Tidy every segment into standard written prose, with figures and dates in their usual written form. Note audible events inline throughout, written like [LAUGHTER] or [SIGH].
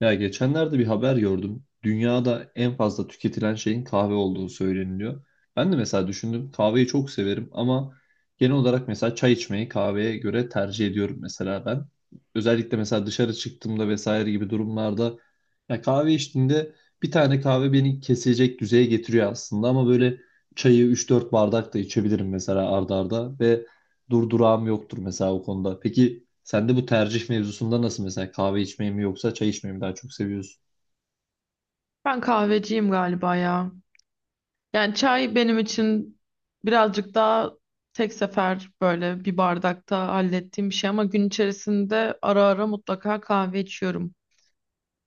Ya geçenlerde bir haber gördüm. Dünyada en fazla tüketilen şeyin kahve olduğu söyleniliyor. Ben de mesela düşündüm kahveyi çok severim ama genel olarak mesela çay içmeyi kahveye göre tercih ediyorum mesela ben. Özellikle mesela dışarı çıktığımda vesaire gibi durumlarda ya kahve içtiğinde bir tane kahve beni kesecek düzeye getiriyor aslında ama böyle çayı üç dört bardak da içebilirim mesela arda arda ve durdurağım yoktur mesela o konuda. Peki sen de bu tercih mevzusunda nasıl mesela kahve içmeyi mi yoksa çay içmeyi mi daha çok seviyorsun? Ben kahveciyim galiba ya. Yani çay benim için birazcık daha tek sefer böyle bir bardakta hallettiğim bir şey ama gün içerisinde ara ara mutlaka kahve içiyorum.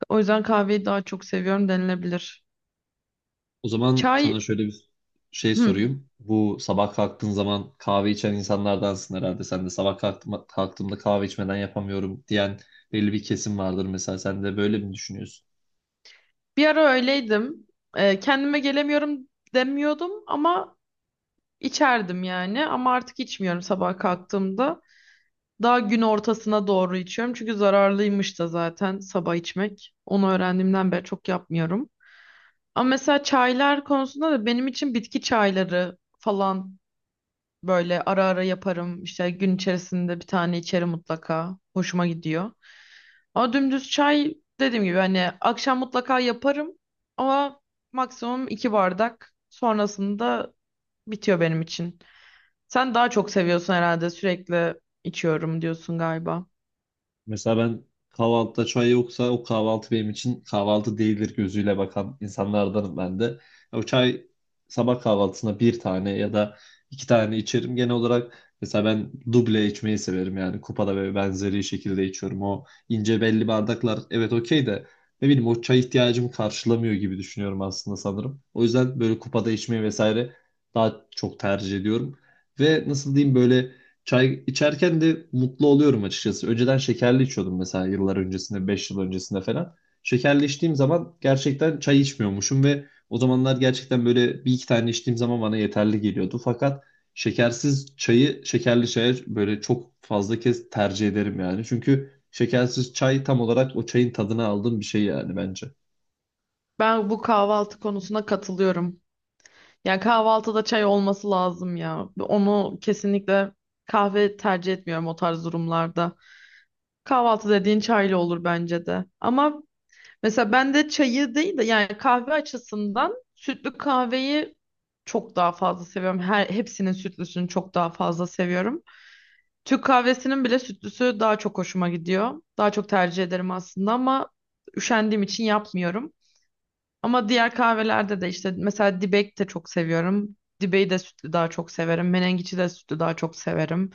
O yüzden kahveyi daha çok seviyorum denilebilir. O zaman Çay, sana şöyle bir şey hı. sorayım. Bu sabah kalktığın zaman kahve içen insanlardansın herhalde. Sen de sabah kalktığımda kahve içmeden yapamıyorum diyen belli bir kesim vardır mesela. Sen de böyle mi düşünüyorsun? Bir ara öyleydim. Kendime gelemiyorum demiyordum ama içerdim yani. Ama artık içmiyorum sabah kalktığımda. Daha gün ortasına doğru içiyorum. Çünkü zararlıymış da zaten sabah içmek. Onu öğrendiğimden beri çok yapmıyorum. Ama mesela çaylar konusunda da benim için bitki çayları falan böyle ara ara yaparım. İşte gün içerisinde bir tane içerim mutlaka. Hoşuma gidiyor. Ama dümdüz çay dediğim gibi hani akşam mutlaka yaparım ama maksimum iki bardak sonrasında bitiyor benim için. Sen daha çok seviyorsun herhalde, sürekli içiyorum diyorsun galiba. Mesela ben kahvaltıda çay yoksa o kahvaltı benim için kahvaltı değildir gözüyle bakan insanlardanım ben de. O çay sabah kahvaltısına bir tane ya da iki tane içerim. Genel olarak mesela ben duble içmeyi severim yani kupada ve benzeri şekilde içiyorum. O ince belli bardaklar evet okey de ne bileyim o çay ihtiyacımı karşılamıyor gibi düşünüyorum aslında sanırım. O yüzden böyle kupada içmeyi vesaire daha çok tercih ediyorum. Ve nasıl diyeyim, böyle çay içerken de mutlu oluyorum açıkçası. Önceden şekerli içiyordum mesela yıllar öncesinde, 5 yıl öncesinde falan. Şekerli içtiğim zaman gerçekten çay içmiyormuşum ve o zamanlar gerçekten böyle bir iki tane içtiğim zaman bana yeterli geliyordu. Fakat şekersiz çayı şekerli çaya böyle çok fazla kez tercih ederim yani. Çünkü şekersiz çay tam olarak o çayın tadını aldığım bir şey yani bence. Ben bu kahvaltı konusuna katılıyorum. Yani kahvaltıda çay olması lazım ya. Onu kesinlikle kahve tercih etmiyorum o tarz durumlarda. Kahvaltı dediğin çaylı olur bence de. Ama mesela ben de çayı değil de yani kahve açısından sütlü kahveyi çok daha fazla seviyorum. Her hepsinin sütlüsünü çok daha fazla seviyorum. Türk kahvesinin bile sütlüsü daha çok hoşuma gidiyor. Daha çok tercih ederim aslında ama üşendiğim için yapmıyorum. Ama diğer kahvelerde de işte mesela dibek de çok seviyorum. Dibeği de sütlü daha çok severim. Menengiçi de sütlü daha çok severim.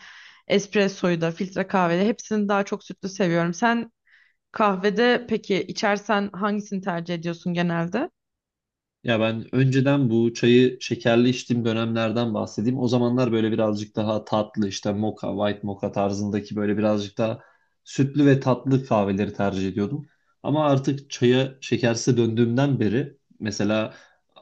Espressoyu da, filtre kahvede hepsini daha çok sütlü seviyorum. Sen kahvede peki içersen hangisini tercih ediyorsun genelde? Ya ben önceden bu çayı şekerli içtiğim dönemlerden bahsedeyim. O zamanlar böyle birazcık daha tatlı işte moka, white moka tarzındaki böyle birazcık daha sütlü ve tatlı kahveleri tercih ediyordum. Ama artık çaya şekersiz döndüğümden beri mesela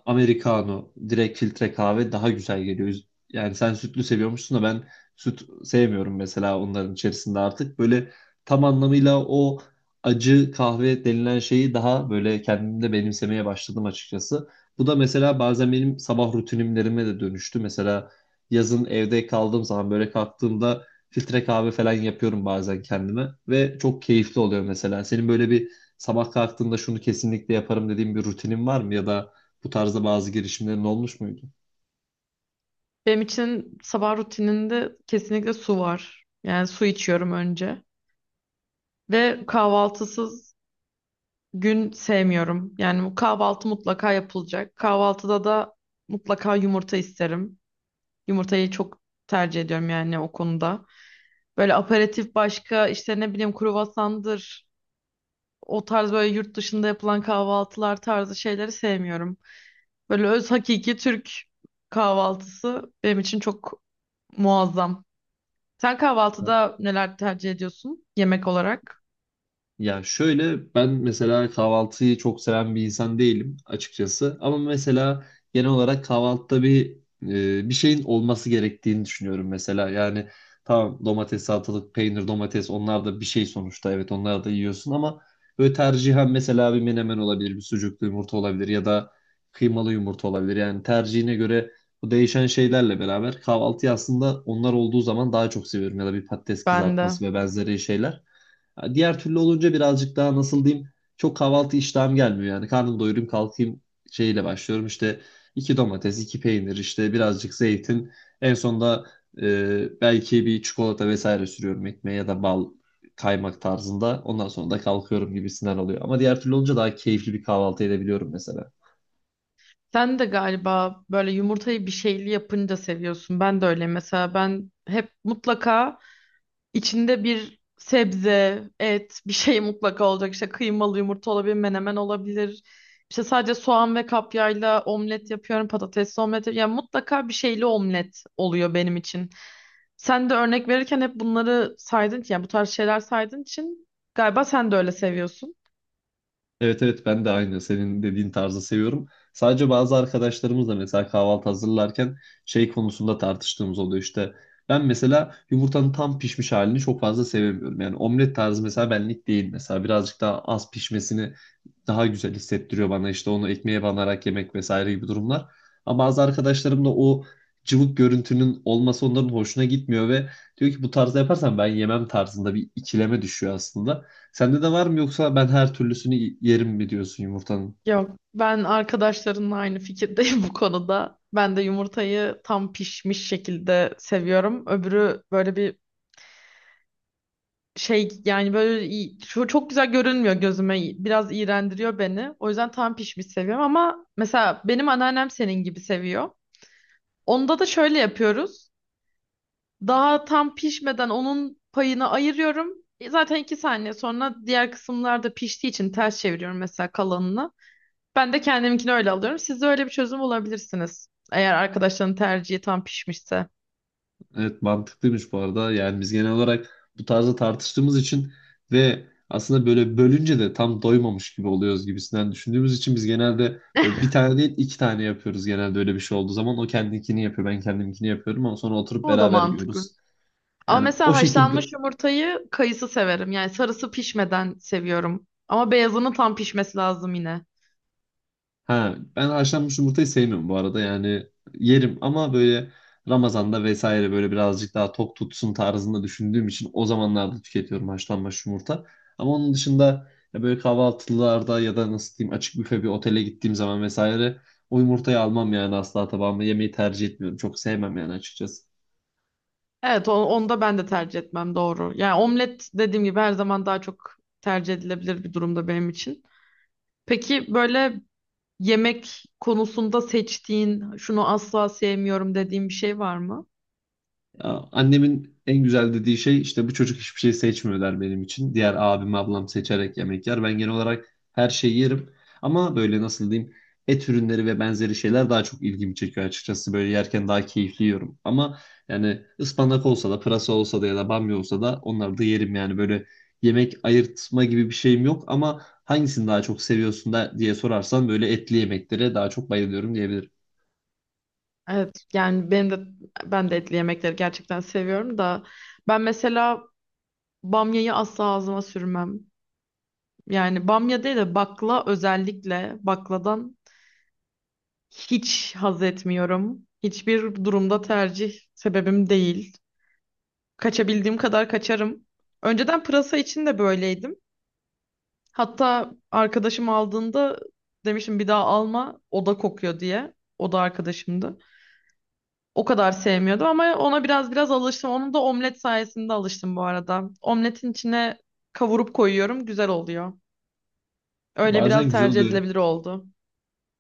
americano, direkt filtre kahve daha güzel geliyor. Yani sen sütlü seviyormuşsun da ben süt sevmiyorum mesela onların içerisinde artık. Böyle tam anlamıyla o acı kahve denilen şeyi daha böyle kendimde benimsemeye başladım açıkçası. Bu da mesela bazen benim sabah rutinimlerime de dönüştü. Mesela yazın evde kaldığım zaman böyle kalktığımda filtre kahve falan yapıyorum bazen kendime ve çok keyifli oluyor mesela. Senin böyle bir sabah kalktığında şunu kesinlikle yaparım dediğin bir rutinin var mı, ya da bu tarzda bazı girişimlerin olmuş muydu? Benim için sabah rutininde kesinlikle su var. Yani su içiyorum önce. Ve kahvaltısız gün sevmiyorum. Yani bu kahvaltı mutlaka yapılacak. Kahvaltıda da mutlaka yumurta isterim. Yumurtayı çok tercih ediyorum yani o konuda. Böyle aperatif başka işte ne bileyim kruvasandır. O tarz böyle yurt dışında yapılan kahvaltılar tarzı şeyleri sevmiyorum. Böyle öz hakiki Türk kahvaltısı benim için çok muazzam. Sen kahvaltıda neler tercih ediyorsun yemek olarak? Ya şöyle, ben mesela kahvaltıyı çok seven bir insan değilim açıkçası. Ama mesela genel olarak kahvaltıda bir bir şeyin olması gerektiğini düşünüyorum mesela. Yani tamam, domates, salatalık, peynir, domates, onlar da bir şey sonuçta. Evet, onları da yiyorsun ama böyle tercihen mesela bir menemen olabilir, bir sucuklu yumurta olabilir ya da kıymalı yumurta olabilir. Yani tercihine göre bu değişen şeylerle beraber kahvaltıyı aslında onlar olduğu zaman daha çok seviyorum, ya da bir patates Ben de. kızartması ve benzeri şeyler. Ha, diğer türlü olunca birazcık daha nasıl diyeyim, çok kahvaltı iştahım gelmiyor yani. Karnım doyurayım kalkayım şeyle başlıyorum işte, iki domates iki peynir, işte birazcık zeytin, en sonunda belki bir çikolata vesaire sürüyorum ekmeğe, ya da bal kaymak tarzında, ondan sonra da kalkıyorum gibisinden oluyor. Ama diğer türlü olunca daha keyifli bir kahvaltı edebiliyorum mesela. Sen de galiba böyle yumurtayı bir şeyli yapınca seviyorsun. Ben de öyle. Mesela ben hep mutlaka içinde bir sebze, et, bir şey mutlaka olacak. İşte kıymalı yumurta olabilir, menemen olabilir. İşte sadece soğan ve kapyayla omlet yapıyorum, patatesli omlet yapıyorum. Yani mutlaka bir şeyli omlet oluyor benim için. Sen de örnek verirken hep bunları saydın ki, yani bu tarz şeyler saydığın için galiba sen de öyle seviyorsun. Evet, evet, ben de aynı senin dediğin tarzı seviyorum. Sadece bazı arkadaşlarımızla mesela kahvaltı hazırlarken şey konusunda tartıştığımız oluyor işte. Ben mesela yumurtanın tam pişmiş halini çok fazla sevemiyorum. Yani omlet tarzı mesela benlik değil, mesela birazcık daha az pişmesini daha güzel hissettiriyor bana, işte onu ekmeğe banarak yemek vesaire gibi durumlar. Ama bazı arkadaşlarım da o cıvık görüntünün olması onların hoşuna gitmiyor ve diyor ki bu tarzda yaparsan ben yemem tarzında, bir ikileme düşüyor aslında. Sende de var mı, yoksa ben her türlüsünü yerim mi diyorsun yumurtanın? Yok, ben arkadaşlarımla aynı fikirdeyim [LAUGHS] bu konuda. Ben de yumurtayı tam pişmiş şekilde seviyorum. Öbürü böyle bir şey yani şu çok güzel görünmüyor gözüme. Biraz iğrendiriyor beni. O yüzden tam pişmiş seviyorum ama mesela benim anneannem senin gibi seviyor. Onda da şöyle yapıyoruz. Daha tam pişmeden onun payını ayırıyorum. Zaten iki saniye sonra diğer kısımlar da piştiği için ters çeviriyorum mesela kalanını. Ben de kendiminkini öyle alıyorum. Siz de öyle bir çözüm bulabilirsiniz. Eğer arkadaşların tercihi tam pişmişse. Evet, mantıklıymış bu arada. Yani biz genel olarak bu tarzda tartıştığımız için ve aslında böyle bölünce de tam doymamış gibi oluyoruz gibisinden düşündüğümüz için, biz genelde böyle bir [LAUGHS] tane değil iki tane yapıyoruz genelde öyle bir şey olduğu zaman. O kendinkini yapıyor, ben kendimkini yapıyorum, ama sonra oturup O da beraber mantıklı. yiyoruz. Ama Yani mesela o şekilde. haşlanmış yumurtayı kayısı severim. Yani sarısı pişmeden seviyorum. Ama beyazının tam pişmesi lazım yine. Ha, ben haşlanmış yumurtayı sevmiyorum bu arada. Yani yerim ama böyle Ramazan'da vesaire böyle birazcık daha tok tutsun tarzında düşündüğüm için o zamanlarda tüketiyorum haşlanmış yumurta. Ama onun dışında, ya böyle kahvaltılarda ya da nasıl diyeyim, açık büfe bir otele gittiğim zaman vesaire, o yumurtayı almam yani, asla tabağıma yemeyi tercih etmiyorum. Çok sevmem yani açıkçası. Evet, onu da ben de tercih etmem doğru. Yani omlet dediğim gibi her zaman daha çok tercih edilebilir bir durumda benim için. Peki böyle yemek konusunda seçtiğin, şunu asla sevmiyorum dediğin bir şey var mı? Ya, annemin en güzel dediği şey işte bu çocuk hiçbir şey seçmiyor der benim için. Diğer abim, ablam seçerek yemek yer. Ben genel olarak her şeyi yerim. Ama böyle nasıl diyeyim, et ürünleri ve benzeri şeyler daha çok ilgimi çekiyor açıkçası. Böyle yerken daha keyifli yiyorum. Ama yani ıspanak olsa da, pırasa olsa da, ya da bamya olsa da onları da yerim yani. Böyle yemek ayırtma gibi bir şeyim yok. Ama hangisini daha çok seviyorsun da diye sorarsan, böyle etli yemeklere daha çok bayılıyorum diyebilirim. Evet, yani ben de etli yemekleri gerçekten seviyorum da ben mesela bamyayı asla ağzıma sürmem. Yani bamya değil de bakla, özellikle bakladan hiç haz etmiyorum. Hiçbir durumda tercih sebebim değil. Kaçabildiğim kadar kaçarım. Önceden pırasa için de böyleydim. Hatta arkadaşım aldığında demiştim bir daha alma o da kokuyor diye. O da arkadaşımdı. O kadar sevmiyordu ama ona biraz biraz alıştım. Onun da omlet sayesinde alıştım bu arada. Omletin içine kavurup koyuyorum, güzel oluyor. Öyle biraz Bazen güzel tercih oluyor. edilebilir oldu.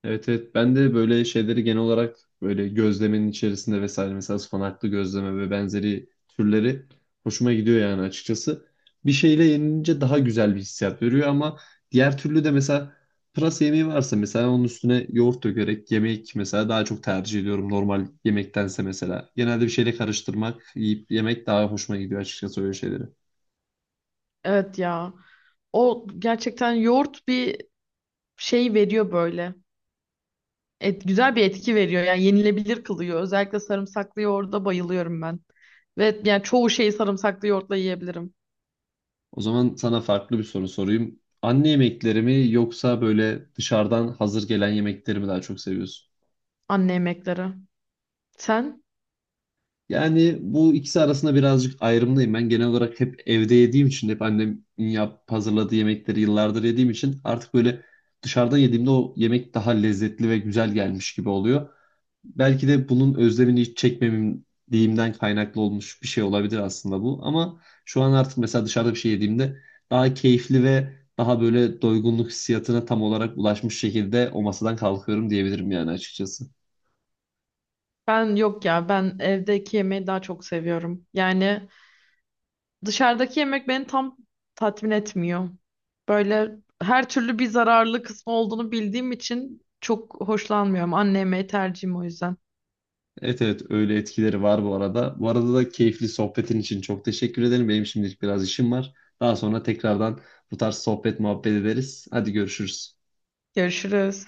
Evet, evet, ben de böyle şeyleri genel olarak böyle gözlemenin içerisinde vesaire, mesela ıspanaklı gözleme ve benzeri türleri hoşuma gidiyor yani açıkçası. Bir şeyle yenilince daha güzel bir hissiyat veriyor, ama diğer türlü de mesela pırasa yemeği varsa mesela onun üstüne yoğurt dökerek yemek mesela daha çok tercih ediyorum normal yemektense mesela. Genelde bir şeyle karıştırmak, yiyip yemek daha hoşuma gidiyor açıkçası öyle şeyleri. Evet ya. O gerçekten yoğurt bir şey veriyor böyle. Et, güzel bir etki veriyor. Yani yenilebilir kılıyor. Özellikle sarımsaklı yoğurda bayılıyorum ben. Ve yani çoğu şeyi sarımsaklı yoğurtla yiyebilirim. O zaman sana farklı bir soru sorayım. Anne yemekleri mi, yoksa böyle dışarıdan hazır gelen yemekleri mi daha çok seviyorsun? Anne yemekleri. Sen? Yani bu ikisi arasında birazcık ayrımdayım. Ben genel olarak hep evde yediğim için, hep annemin hazırladığı yemekleri yıllardır yediğim için, artık böyle dışarıdan yediğimde o yemek daha lezzetli ve güzel gelmiş gibi oluyor. Belki de bunun özlemini hiç çekmemeliğimden kaynaklı olmuş bir şey olabilir aslında bu. Ama şu an artık mesela dışarıda bir şey yediğimde daha keyifli ve daha böyle doygunluk hissiyatına tam olarak ulaşmış şekilde o masadan kalkıyorum diyebilirim yani açıkçası. Ben yok ya. Ben evdeki yemeği daha çok seviyorum. Yani dışarıdaki yemek beni tam tatmin etmiyor. Böyle her türlü bir zararlı kısmı olduğunu bildiğim için çok hoşlanmıyorum. Anne yemeği tercihim o yüzden. Evet, evet, öyle etkileri var bu arada. Bu arada da keyifli sohbetin için çok teşekkür ederim. Benim şimdilik biraz işim var. Daha sonra tekrardan bu tarz sohbet muhabbet ederiz. Hadi görüşürüz. Görüşürüz.